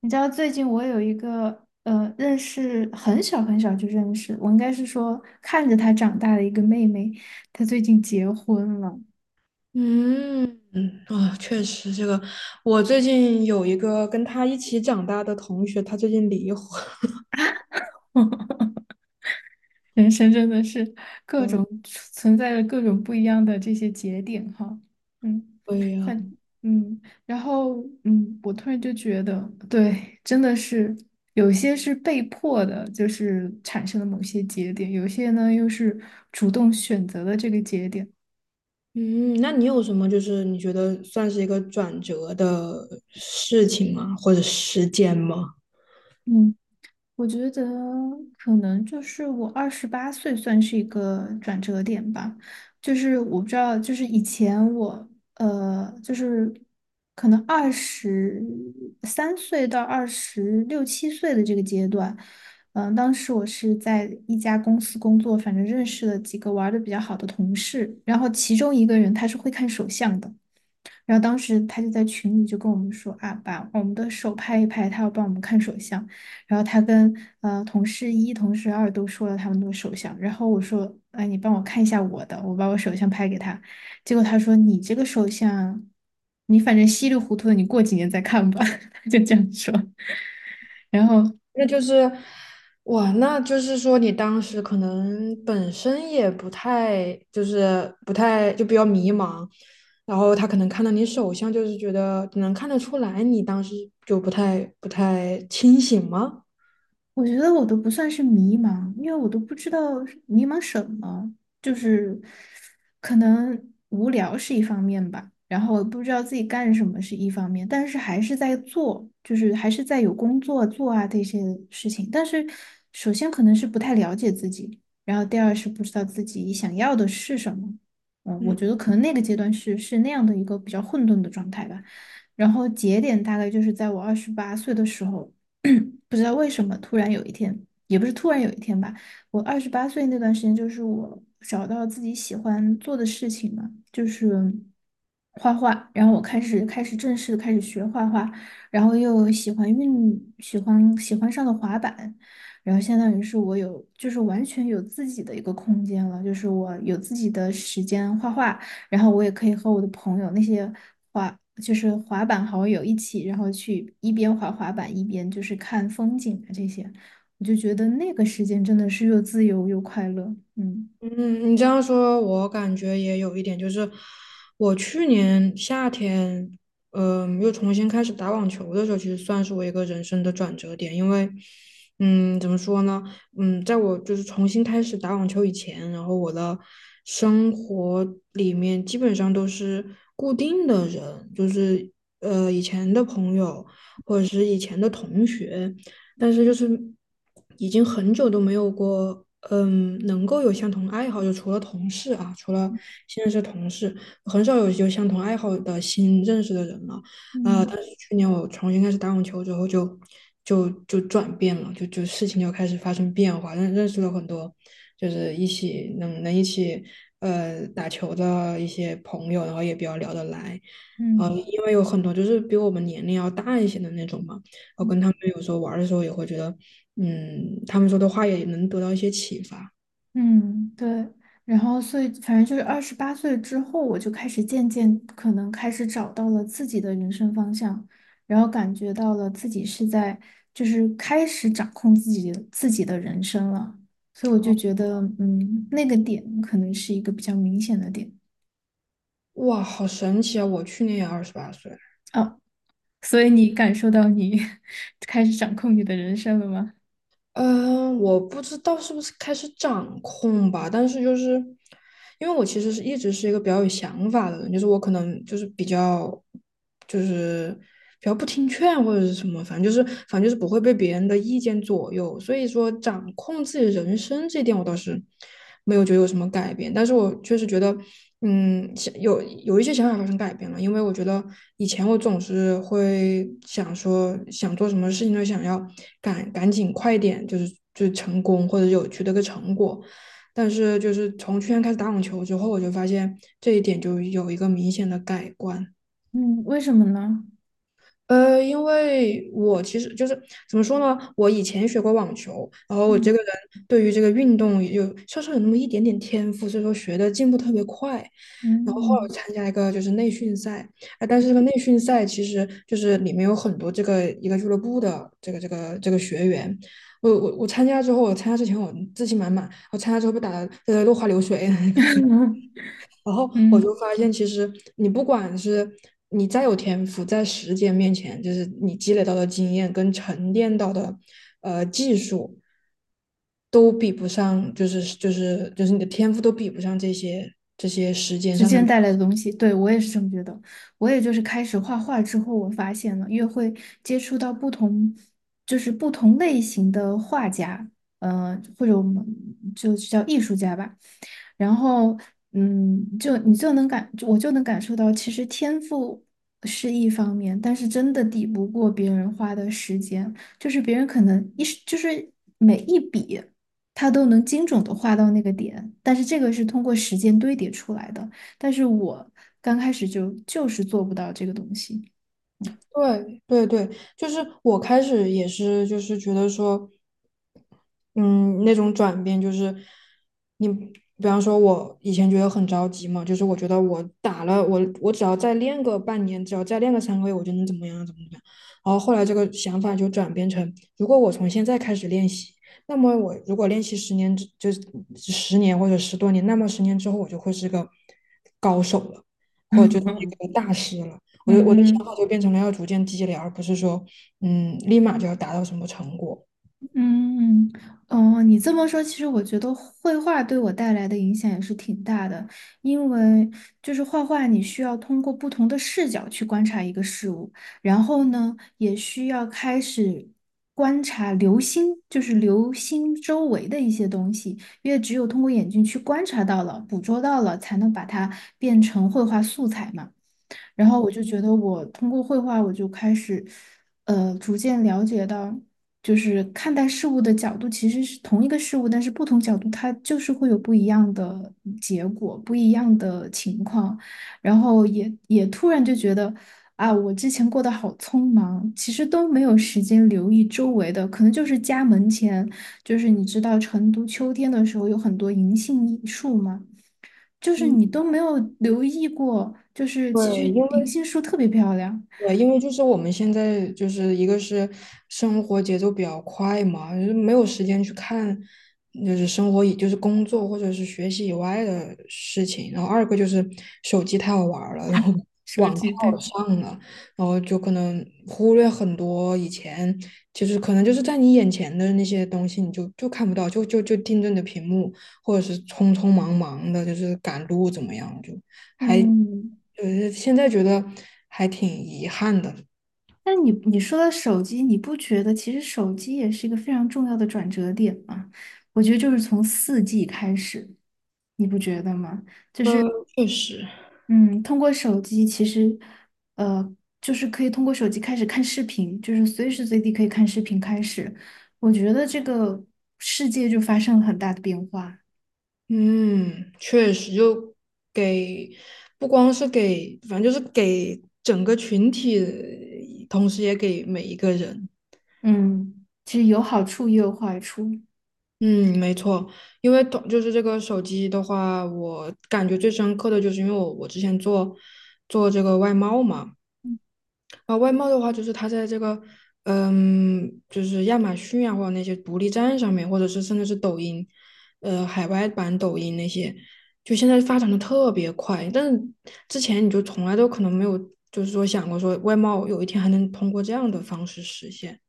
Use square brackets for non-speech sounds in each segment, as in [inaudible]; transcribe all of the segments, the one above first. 你知道最近我有一个认识很小很小就认识，我应该是说看着他长大的一个妹妹，她最近结婚了。嗯嗯啊，确实，这个我最近有一个跟他一起长大的同学，他最近离婚[laughs] 人生真的是各种存在着各种不一样的这些节点哈。嗯，了，反然后我突然就觉得，对，真的是有些是被迫的，就是产生了某些节点，有些呢又是主动选择的这个节点。嗯，那你有什么你觉得算是一个转折的事情吗？或者时间吗？嗯。我觉得可能就是我二十八岁算是一个转折点吧，就是我不知道，就是以前我就是可能23岁到二十六七岁的这个阶段。当时我是在一家公司工作，反正认识了几个玩的比较好的同事，然后其中一个人他是会看手相的。然后当时他就在群里就跟我们说啊，把我们的手拍一拍，他要帮我们看手相。然后他跟同事一、同事二都说了他们的手相。然后我说，哎，你帮我看一下我的，我把我手相拍给他。结果他说，你这个手相，你反正稀里糊涂的，你过几年再看吧。[laughs] 他就这样说。然后。那就是，哇，那就是说你当时可能本身也不太，不太就比较迷茫，然后他可能看到你手相，就是觉得能看得出来你当时就不太清醒吗？我觉得我都不算是迷茫，因为我都不知道是迷茫什么，就是可能无聊是一方面吧，然后我不知道自己干什么是一方面，但是还是在做，就是还是在有工作做啊这些事情。但是首先可能是不太了解自己，然后第二是不知道自己想要的是什么。我嗯。觉得可能那个阶段是那样的一个比较混沌的状态吧。然后节点大概就是在我二十八岁的时候。[clears throat] 不知道为什么，突然有一天，也不是突然有一天吧，我二十八岁那段时间，就是我找到自己喜欢做的事情嘛，就是画画，然后我开始正式地开始学画画，然后又喜欢上了滑板，然后相当于是就是完全有自己的一个空间了，就是我有自己的时间画画，然后我也可以和我的朋友那些就是滑板好友一起，然后去一边滑滑板一边就是看风景啊这些，我就觉得那个时间真的是又自由又快乐。嗯嗯，你这样说，我感觉也有一点，就是我去年夏天，又重新开始打网球的时候，其实算是我一个人生的转折点，因为，嗯，怎么说呢，嗯，在我重新开始打网球以前，然后我的生活里面基本上都是固定的人，就是以前的朋友或者是以前的同学。但是就是已经很久都没有过，嗯，能够有相同爱好，就除了同事啊，除了现在是同事，很少有相同爱好的新认识的人了。但嗯是去年我重新开始打网球之后就，就转变了，就事情就开始发生变化，认识了很多，就是一起能一起打球的一些朋友，然后也比较聊得来。呃，嗯。因为有很多就是比我们年龄要大一些的那种嘛，我嗯跟他们有时候玩的时候也会觉得，嗯，他们说的话也能得到一些启发。嗯，对，然后所以反正就是二十八岁之后，我就开始渐渐可能开始找到了自己的人生方向，然后感觉到了自己是在就是开始掌控自己的人生了，所以我哦，就觉得，那个点可能是一个比较明显的点哇，好神奇啊！我去年也二十八岁了。哦。所以你感受到你 [laughs] 开始掌控你的人生了吗？嗯，我不知道是不是开始掌控吧，但是就是因为我其实是一直是一个比较有想法的人，就是我可能就是比较就是比较不听劝或者是什么，反正就是不会被别人的意见左右，所以说掌控自己人生这一点我倒是没有觉得有什么改变。但是我确实觉得，嗯，想有一些想法发生改变了，因为我觉得以前我总是会想说，想做什么事情都想要赶紧快点，就是成功或者有取得个成果。但是就是从去年开始打网球之后，我就发现这一点就有一个明显的改观。嗯，为什么呢？呃，因为我其实就是怎么说呢，我以前学过网球，然后我这嗯个人对于这个运动稍稍有那么一点点天赋，所以说学的进步特别快。然后后来我嗯 参加一个就是内训赛，啊，但是这个内训赛其实就是里面有很多这个一个俱乐部的这个学员。我参加之后，我参加之前我自信满满，我参加之后被打的落花流水。[laughs] 然后 [laughs] 我就嗯。发现，其实你不管是你再有天赋，在时间面前，就是你积累到的经验跟沉淀到的技术，都比不上，就是你的天赋都比不上这些时间时上的间累。带来的东西，对，我也是这么觉得。我也就是开始画画之后，我发现了越会接触到不同，就是不同类型的画家，或者我们就是叫艺术家吧。然后，就你就能感，我就能感受到，其实天赋是一方面，但是真的抵不过别人花的时间，就是别人可能一时，就是每一笔，他都能精准的画到那个点，但是这个是通过时间堆叠出来的，但是我刚开始就是做不到这个东西。嗯对对对，就是我开始也是，就是觉得说，嗯，那种转变就是你，比方说，我以前觉得很着急嘛，就是我觉得我打了我，我只要再练个半年，只要再练个三个月，我就能怎么样怎么样。然后后来这个想法就转变成，如果我从现在开始练习，那么我如果练习十年之，就是十年或者十多年，那么十年之后我就会是个高手了，或者就是嗯 一个大师了。我的想法 [laughs] 嗯。就变成了要逐渐积累，而不是说，嗯，立马就要达到什么成果。嗯，哦，你这么说，其实我觉得绘画对我带来的影响也是挺大的，因为就是画画，你需要通过不同的视角去观察一个事物，然后呢，也需要开始观察流星，就是流星周围的一些东西，因为只有通过眼睛去观察到了、捕捉到了，才能把它变成绘画素材嘛。然后我就觉得我通过绘画，我就开始，逐渐了解到，就是看待事物的角度其实是同一个事物，但是不同角度它就是会有不一样的结果，不一样的情况。然后也突然就觉得啊，我之前过得好匆忙，其实都没有时间留意周围的，可能就是家门前，就是你知道成都秋天的时候有很多银杏树吗？就是嗯，你都没有留意过，就是其实对，银杏树特别漂亮。因为就是我们现在就是一个是生活节奏比较快嘛，就是没有时间去看，就是生活以就是工作或者是学习以外的事情。然后二个就是手机太好玩儿了，然后手网太机好对。上了，然后就可能忽略很多以前就是可能就是在你眼前的那些东西，你就看不到，就盯着你的屏幕，或者是匆匆忙忙的，就是赶路怎么样，就还。嗯，呃，现在觉得还挺遗憾的。那你说到手机，你不觉得其实手机也是一个非常重要的转折点吗？我觉得就是从4G 开始，你不觉得吗？呃，确实，嗯，通过手机其实，呃，就是可以通过手机开始看视频，就是随时随地可以看视频开始，我觉得这个世界就发生了很大的变化。嗯，确实，就给不光是给，反正就是给整个群体，同时也给每一个人。嗯，其实有好处也有坏处。嗯，没错，因为就是这个手机的话，我感觉最深刻的就是因为我之前做这个外贸嘛，啊，外贸的话，就是它在这个，嗯，就是亚马逊啊，或者那些独立站上面，或者是甚至是抖音，呃，海外版抖音那些，就现在发展的特别快。但是之前你就从来都可能没有，就是说想过说外贸有一天还能通过这样的方式实现。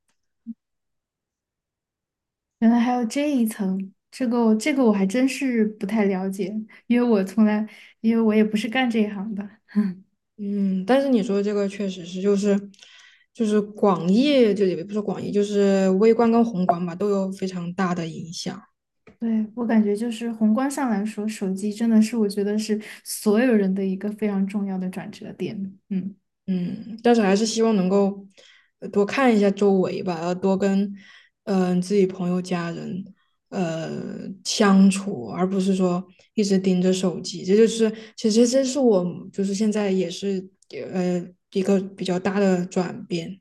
原来还有这一层，这个我还真是不太了解，因为我从来，因为我也不是干这一行的。嗯，但是你说这个确实是，就是就是广义，就也不是广义，就是微观跟宏观吧，都有非常大的影响。对，我感觉就是宏观上来说，手机真的是我觉得是所有人的一个非常重要的转折点。嗯嗯，但是还是希望能够多看一下周围吧，要多跟自己朋友、家人呃相处，而不是说一直盯着手机。这就是其实这是我就是现在也是呃一个比较大的转变，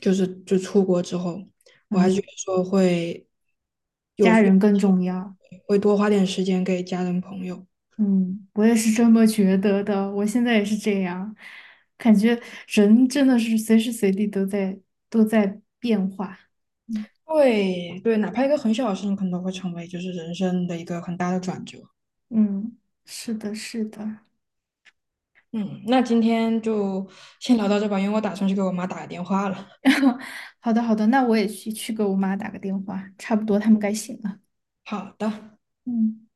就出国之后，我还是嗯，觉得说会有家有人更重要。会多花点时间给家人朋友。嗯，我也是这么觉得的，我现在也是这样，感觉人真的是随时随地都在变化。嗯对对，哪怕一个很小的事情，可能都会成为就是人生的一个很大的转折。嗯，是的，是的。嗯，那今天就先聊到这吧，因为我打算去给我妈打个电话了。[laughs] 好的，好的，那我也去给我妈打个电话，差不多他们该醒了。好的。嗯。